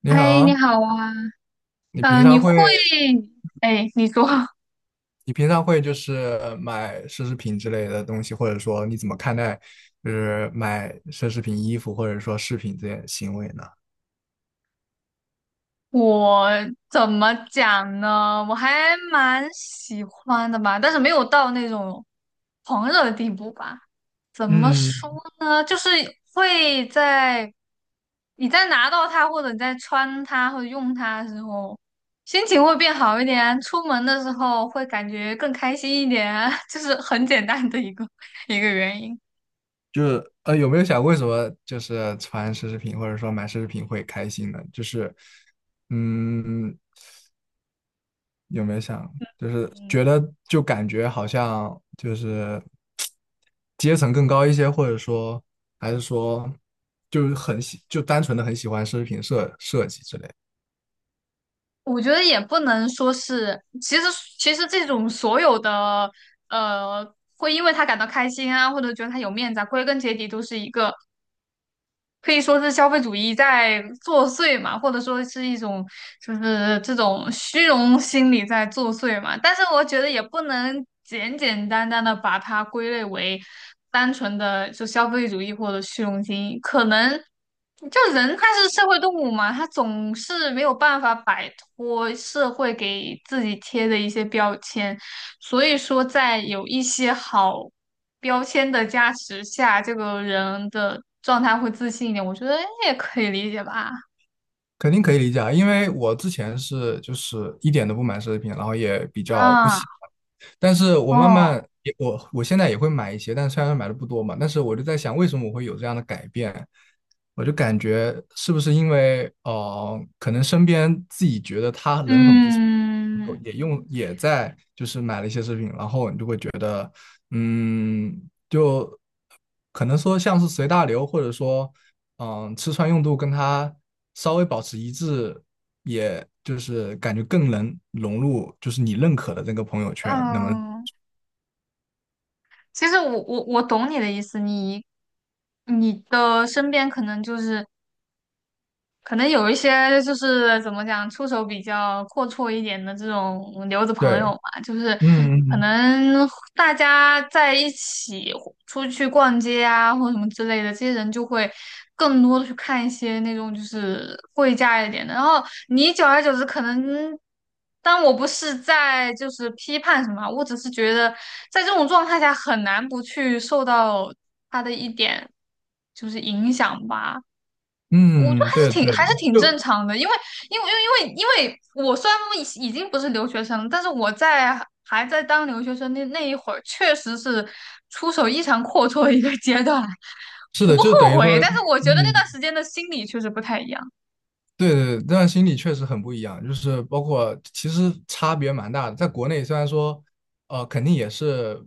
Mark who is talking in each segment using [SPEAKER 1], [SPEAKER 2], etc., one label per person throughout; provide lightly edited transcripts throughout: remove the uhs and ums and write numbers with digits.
[SPEAKER 1] 你
[SPEAKER 2] 哎，你
[SPEAKER 1] 好，
[SPEAKER 2] 好啊，
[SPEAKER 1] 你平
[SPEAKER 2] 你
[SPEAKER 1] 常
[SPEAKER 2] 会，
[SPEAKER 1] 会，
[SPEAKER 2] 哎，你说
[SPEAKER 1] 你平常会就是买奢侈品之类的东西，或者说你怎么看待就是买奢侈品衣服或者说饰品这些行为呢？
[SPEAKER 2] 我怎么讲呢？我还蛮喜欢的吧，但是没有到那种狂热的地步吧。怎么说
[SPEAKER 1] 嗯，
[SPEAKER 2] 呢？就是会在你在拿到它，或者你在穿它或者用它的时候，心情会变好一点，出门的时候会感觉更开心一点，就是很简单的一个原因。
[SPEAKER 1] 就是有没有想过为什么就是穿奢侈品或者说买奢侈品会开心呢？就是，嗯，有没有想，就是
[SPEAKER 2] 嗯。
[SPEAKER 1] 觉得就感觉好像就是阶层更高一些，或者说还是说就是很喜，就单纯的很喜欢奢侈品设设计之类
[SPEAKER 2] 我觉得也不能说是，其实这种所有的会因为他感到开心啊，或者觉得他有面子啊，归根结底都是一个可以说是消费主义在作祟嘛，或者说是一种就是这种虚荣心理在作祟嘛。但是我觉得也不能简简单单的把它归类为单纯的就消费主义或者虚荣心，可能就人他是社会动物嘛，他总是没有办法摆脱社会给自己贴的一些标签。所以说，在有一些好标签的加持下，这个人的状态会自信一点，我觉得也可以理解吧。
[SPEAKER 1] 肯定可以理解啊。因为我之前是就是一点都不买奢侈品，然后也比较不
[SPEAKER 2] 啊，
[SPEAKER 1] 喜欢。但是我慢
[SPEAKER 2] 哦，
[SPEAKER 1] 慢也我现在也会买一些，但虽然买的不多嘛，但是我就在想，为什么我会有这样的改变？我就感觉是不是因为可能身边自己觉得他人很不错，
[SPEAKER 2] 嗯
[SPEAKER 1] 也用也在就是买了一些奢侈品，然后你就会觉得，嗯，就可能说像是随大流，或者说嗯，吃穿用度跟他稍微保持一致，也就是感觉更能融入，就是你认可的这个朋友圈。那么，
[SPEAKER 2] 嗯，其实我懂你的意思，你的身边可能就是可能有一些就是怎么讲，出手比较阔绰一点的这种留子朋
[SPEAKER 1] 对，
[SPEAKER 2] 友嘛，就是可
[SPEAKER 1] 嗯
[SPEAKER 2] 能大家在一起出去逛街啊，或者什么之类的，这些人就会更多的去看一些那种就是贵价一点的。然后你久而久之，可能，但我不是在就是批判什么，我只是觉得在这种状态下很难不去受到他的一点就是影响吧。
[SPEAKER 1] 嗯嗯，对
[SPEAKER 2] 挺
[SPEAKER 1] 对，
[SPEAKER 2] 还是挺正
[SPEAKER 1] 就
[SPEAKER 2] 常的，因为因为因为因为因为我虽然已经不是留学生了，但是我在还在当留学生那一会儿，确实是出手异常阔绰的一个阶段，
[SPEAKER 1] 是
[SPEAKER 2] 我
[SPEAKER 1] 的，
[SPEAKER 2] 不
[SPEAKER 1] 就等
[SPEAKER 2] 后
[SPEAKER 1] 于
[SPEAKER 2] 悔，
[SPEAKER 1] 说，
[SPEAKER 2] 但是我觉得那段
[SPEAKER 1] 嗯，
[SPEAKER 2] 时间的心理确实不太一样。
[SPEAKER 1] 对对，但心理确实很不一样，就是包括其实差别蛮大的。在国内虽然说，肯定也是，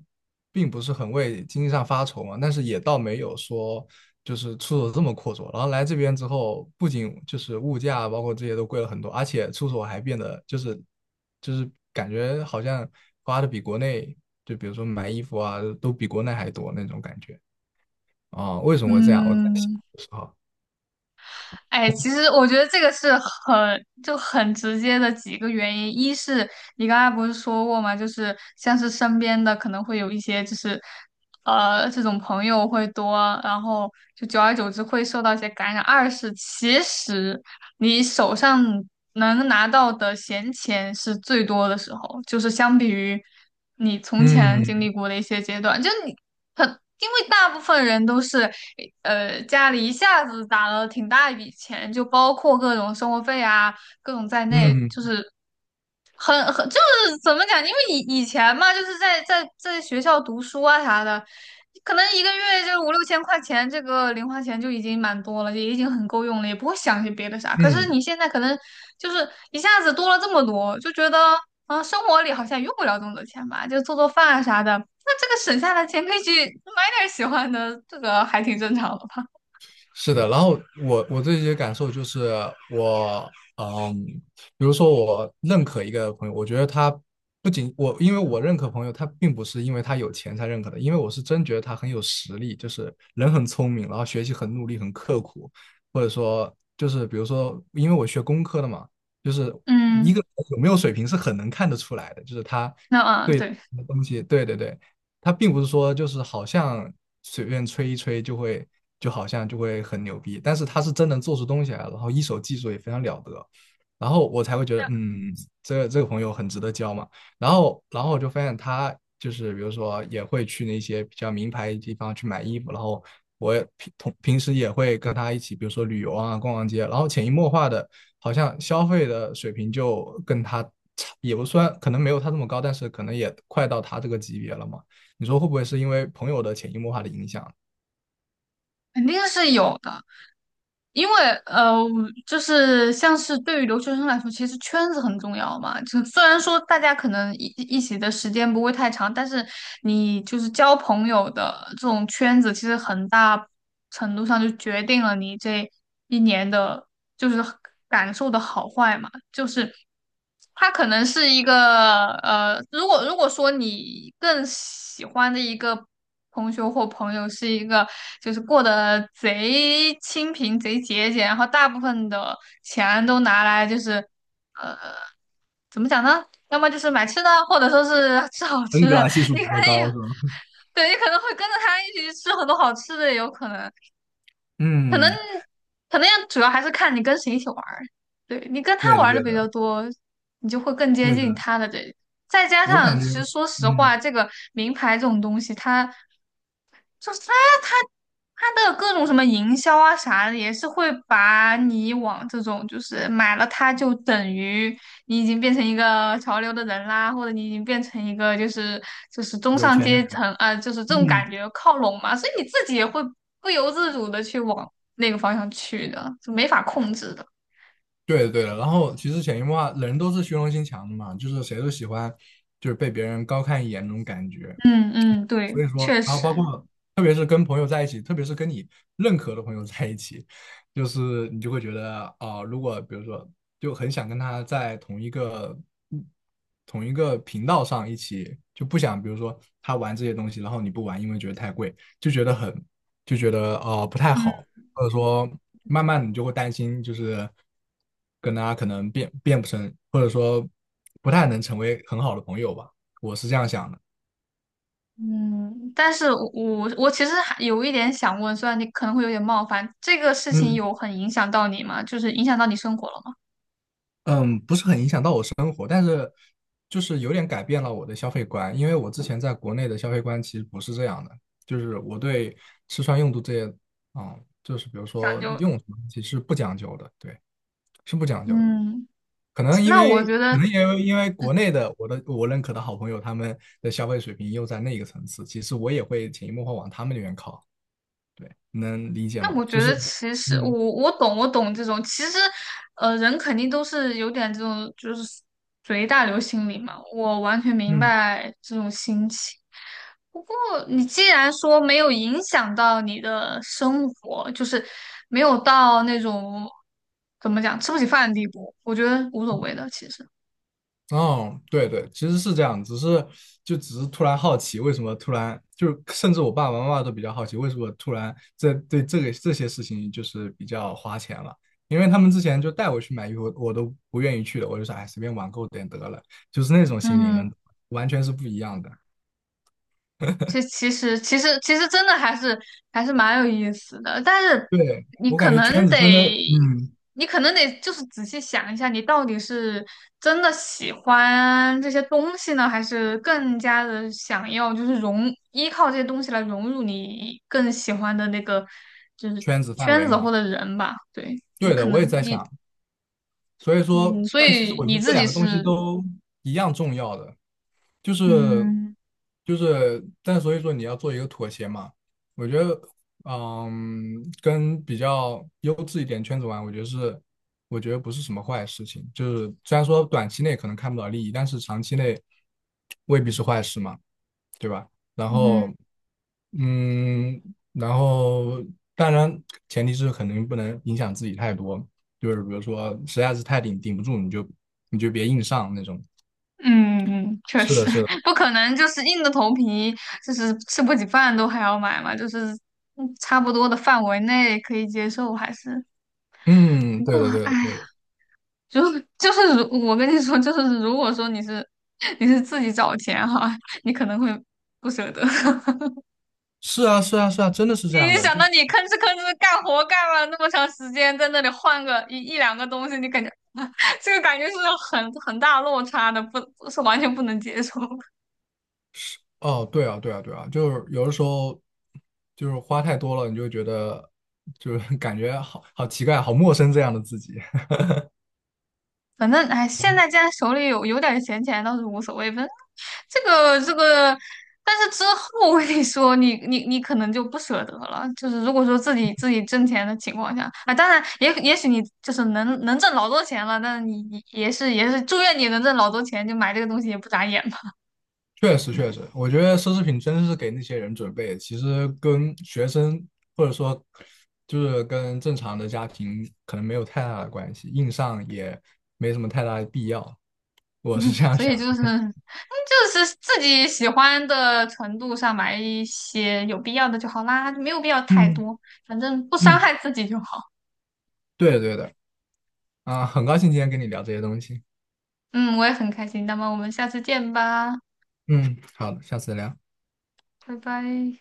[SPEAKER 1] 并不是很为经济上发愁嘛，但是也倒没有说就是出手这么阔绰。然后来这边之后，不仅就是物价包括这些都贵了很多，而且出手还变得就是就是感觉好像花的比国内，就比如说买衣服啊，都比国内还多那种感觉啊，为什么会这样？我在想
[SPEAKER 2] 嗯，
[SPEAKER 1] 的时候，
[SPEAKER 2] 哎，其实我觉得这个是很就很直接的几个原因，一是你刚才不是说过吗？就是像是身边的可能会有一些就是这种朋友会多，然后就久而久之会受到一些感染。二是其实你手上能拿到的闲钱是最多的时候，就是相比于你从前经历
[SPEAKER 1] 嗯
[SPEAKER 2] 过的一些阶段，就你很，因为大部分人都是，家里一下子打了挺大一笔钱，就包括各种生活费啊，各种在内，
[SPEAKER 1] 嗯
[SPEAKER 2] 就是很就是怎么讲？因为以前嘛，就是在学校读书啊啥的，可能一个月就五六千块钱，这个零花钱就已经蛮多了，也已经很够用了，也不会想些别的啥。可是
[SPEAKER 1] 嗯。
[SPEAKER 2] 你现在可能就是一下子多了这么多，就觉得嗯，生活里好像用不了这么多钱吧，就做做饭啊啥的。那这个省下的钱可以去买点儿喜欢的，这个还挺正常的吧？
[SPEAKER 1] 是的，然后我自己的感受就是我，嗯，比如说我认可一个朋友，我觉得他不仅我，因为我认可朋友，他并不是因为他有钱才认可的，因为我是真觉得他很有实力，就是人很聪明，然后学习很努力，很刻苦，或者说就是比如说，因为我学工科的嘛，就是一
[SPEAKER 2] 嗯，
[SPEAKER 1] 个人有没有水平是很能看得出来的，就是他
[SPEAKER 2] 那嗯，
[SPEAKER 1] 对
[SPEAKER 2] 对，
[SPEAKER 1] 东西，对对对，他并不是说就是好像随便吹一吹就会，就好像就会很牛逼，但是他是真能做出东西来，然后一手技术也非常了得，然后我才会觉得，嗯，这个朋友很值得交嘛。然后，然后我就发现他就是比如说也会去那些比较名牌地方去买衣服，然后我也平同平时也会跟他一起，比如说旅游啊、逛逛街，然后潜移默化的，好像消费的水平就跟他差，也不算，可能没有他这么高，但是可能也快到他这个级别了嘛。你说会不会是因为朋友的潜移默化的影响？
[SPEAKER 2] 肯定是有的。因为呃，就是像是对于留学生来说，其实圈子很重要嘛。就虽然说大家可能一起的时间不会太长，但是你就是交朋友的这种圈子，其实很大程度上就决定了你这一年的，就是感受的好坏嘛。就是他可能是一个如果说你更喜欢的一个同学或朋友是一个就是过得贼清贫、贼节俭，然后大部分的钱都拿来就是呃，怎么讲呢？要么就是买吃的，或者说是吃好
[SPEAKER 1] 恩
[SPEAKER 2] 吃
[SPEAKER 1] 格
[SPEAKER 2] 的，
[SPEAKER 1] 尔系 数
[SPEAKER 2] 你
[SPEAKER 1] 比
[SPEAKER 2] 可
[SPEAKER 1] 较高
[SPEAKER 2] 以，
[SPEAKER 1] 是吧？
[SPEAKER 2] 对，你可能会跟着他一起去吃很多好吃的，有可能。
[SPEAKER 1] 嗯，
[SPEAKER 2] 可能也主要还是看你跟谁一起玩儿，对你跟他
[SPEAKER 1] 对
[SPEAKER 2] 玩
[SPEAKER 1] 的，
[SPEAKER 2] 儿
[SPEAKER 1] 对
[SPEAKER 2] 的比较
[SPEAKER 1] 的，
[SPEAKER 2] 多，你就会更接
[SPEAKER 1] 对
[SPEAKER 2] 近
[SPEAKER 1] 的。
[SPEAKER 2] 他的这。再加
[SPEAKER 1] 我
[SPEAKER 2] 上，
[SPEAKER 1] 感
[SPEAKER 2] 其
[SPEAKER 1] 觉，
[SPEAKER 2] 实说实
[SPEAKER 1] 嗯，
[SPEAKER 2] 话，这个名牌这种东西，它就是他他他的各种什么营销啊啥的，也是会把你往这种就是买了它就等于你已经变成一个潮流的人啦，或者你已经变成一个就是就是中
[SPEAKER 1] 有
[SPEAKER 2] 上
[SPEAKER 1] 钱的
[SPEAKER 2] 阶
[SPEAKER 1] 人，
[SPEAKER 2] 层啊、就是这种
[SPEAKER 1] 嗯，
[SPEAKER 2] 感觉靠拢嘛，所以你自己也会不由自主的去往那个方向去的，就没法控制的。
[SPEAKER 1] 对的对的。然后其实潜移默化，人都是虚荣心强的嘛，就是谁都喜欢就是被别人高看一眼那种感觉。
[SPEAKER 2] 嗯嗯，对，
[SPEAKER 1] 所以说，
[SPEAKER 2] 确
[SPEAKER 1] 然后包
[SPEAKER 2] 实，
[SPEAKER 1] 括特别是跟朋友在一起，特别是跟你认可的朋友在一起，就是你就会觉得啊、如果比如说就很想跟他在同一个频道上一起，就不想比如说他玩这些东西，然后你不玩，因为觉得太贵，就觉得很就觉得不太
[SPEAKER 2] 嗯。
[SPEAKER 1] 好，或者说慢慢你就会担心，就是跟他可能变变不成，或者说不太能成为很好的朋友吧，我是这样想的。
[SPEAKER 2] 嗯，但是我其实还有一点想问，虽然你可能会有点冒犯，这个事情
[SPEAKER 1] 嗯，
[SPEAKER 2] 有很影响到你吗？就是影响到你生活了吗？
[SPEAKER 1] 嗯，不是很影响到我生，就是有点改变了我的消费观，因为我之前在国内的消费观其实不是这样的，就是我对吃穿用度这些，啊，就是比如
[SPEAKER 2] 讲
[SPEAKER 1] 说
[SPEAKER 2] 究，
[SPEAKER 1] 用什么东西是不讲究的，对，是不讲究的。
[SPEAKER 2] 嗯，
[SPEAKER 1] 可能因
[SPEAKER 2] 那我
[SPEAKER 1] 为，
[SPEAKER 2] 觉
[SPEAKER 1] 可
[SPEAKER 2] 得
[SPEAKER 1] 能因为国内的我的我认可的好朋友他们的消费水平又在那个层次，其实我也会潜移默化往他们那边靠，对，能理解
[SPEAKER 2] 那
[SPEAKER 1] 吗？
[SPEAKER 2] 我
[SPEAKER 1] 就
[SPEAKER 2] 觉
[SPEAKER 1] 是，
[SPEAKER 2] 得，其实我
[SPEAKER 1] 嗯
[SPEAKER 2] 我懂，我懂这种。其实，人肯定都是有点这种，就是随大流心理嘛。我完全明
[SPEAKER 1] 嗯
[SPEAKER 2] 白这种心情。不过，你既然说没有影响到你的生活，就是没有到那种怎么讲吃不起饭的地步，我觉得无所谓的。其实，
[SPEAKER 1] 哦，对对，其实是这样，只是就只是突然好奇，为什么突然就是甚至我爸爸妈妈都比较好奇，为什么突然这对这个这些事情就是比较花钱了，因为他们之前就带我去买衣服，我都不愿意去的，我就说哎随便网购点得了，就是那种心理呢，
[SPEAKER 2] 嗯。
[SPEAKER 1] 完全是不一样的。
[SPEAKER 2] 这其实真的还是蛮有意思的，但是
[SPEAKER 1] 对，
[SPEAKER 2] 你
[SPEAKER 1] 我感
[SPEAKER 2] 可
[SPEAKER 1] 觉
[SPEAKER 2] 能
[SPEAKER 1] 圈子真的，
[SPEAKER 2] 得，
[SPEAKER 1] 嗯，
[SPEAKER 2] 你可能得就是仔细想一下，你到底是真的喜欢这些东西呢，还是更加的想要就是融依靠这些东西来融入你更喜欢的那个就是
[SPEAKER 1] 圈子范
[SPEAKER 2] 圈
[SPEAKER 1] 围
[SPEAKER 2] 子
[SPEAKER 1] 嘛，
[SPEAKER 2] 或者人吧？对，你
[SPEAKER 1] 对
[SPEAKER 2] 可
[SPEAKER 1] 的，我也
[SPEAKER 2] 能
[SPEAKER 1] 在
[SPEAKER 2] 你
[SPEAKER 1] 想，所以说，
[SPEAKER 2] 嗯，所
[SPEAKER 1] 但其实
[SPEAKER 2] 以
[SPEAKER 1] 我觉
[SPEAKER 2] 你
[SPEAKER 1] 得这
[SPEAKER 2] 自
[SPEAKER 1] 两
[SPEAKER 2] 己
[SPEAKER 1] 个东西
[SPEAKER 2] 是
[SPEAKER 1] 都一样重要的。就是
[SPEAKER 2] 嗯
[SPEAKER 1] 就是，但所以说你要做一个妥协嘛。我觉得，嗯，跟比较优质一点圈子玩，我觉得是，我觉得不是什么坏事情。就是虽然说短期内可能看不到利益，但是长期内未必是坏事嘛，对吧？然
[SPEAKER 2] 嗯。
[SPEAKER 1] 后，嗯，然后当然前提是肯定不能影响自己太多，就是比如说实在是太顶顶不住，你就别硬上那种。
[SPEAKER 2] 嗯嗯，确
[SPEAKER 1] 是
[SPEAKER 2] 实
[SPEAKER 1] 的，是 的。
[SPEAKER 2] 不可能，就是硬着头皮，就是吃不起饭都还要买嘛，就是嗯差不多的范围内可以接受，还是
[SPEAKER 1] 嗯，
[SPEAKER 2] 不
[SPEAKER 1] 对
[SPEAKER 2] 过，
[SPEAKER 1] 的，对
[SPEAKER 2] 哎
[SPEAKER 1] 的，
[SPEAKER 2] 呀，
[SPEAKER 1] 对的，
[SPEAKER 2] 如就是如我跟你说，就是如果说你是 你是自己找钱哈，你可能会不舍得，
[SPEAKER 1] 是啊，是啊，是啊，真的 是
[SPEAKER 2] 你
[SPEAKER 1] 这样
[SPEAKER 2] 一
[SPEAKER 1] 的，
[SPEAKER 2] 想
[SPEAKER 1] 就
[SPEAKER 2] 到
[SPEAKER 1] 是
[SPEAKER 2] 你吭哧吭哧干活干了那么长时间，在那里换个一两个东西，你感觉 这个感觉是很大落差的，不是完全不能接受。
[SPEAKER 1] 哦，对啊，对啊，对啊，就是有的时候就是花太多了，你就觉得就是 感觉好好奇怪，好陌生这样的自己。
[SPEAKER 2] 反正哎，现在既然手里有点闲钱倒是无所谓，反正这个，但是之后我跟你说，你可能就不舍得了。就是如果说自己挣钱的情况下，啊，当然也许你就是能挣老多钱了，但是你也是祝愿你能挣老多钱，就买这个东西也不眨眼嘛。
[SPEAKER 1] 确实，确实，我觉得奢侈品真是给那些人准备的，其实跟学生或者说就是跟正常的家庭可能没有太大的关系，硬上也没什么太大的必要，我是这 样
[SPEAKER 2] 所
[SPEAKER 1] 想
[SPEAKER 2] 以就是
[SPEAKER 1] 的
[SPEAKER 2] 嗯就是自己喜欢的程度上买一些有必要的就好啦，就没有必要太
[SPEAKER 1] 嗯
[SPEAKER 2] 多，反正不伤
[SPEAKER 1] 嗯，
[SPEAKER 2] 害自己就好。
[SPEAKER 1] 对的对的，啊，很高兴今天跟你聊这些东西。
[SPEAKER 2] 嗯，我也很开心。那么我们下次见吧，
[SPEAKER 1] 嗯，好的下次聊。
[SPEAKER 2] 拜拜。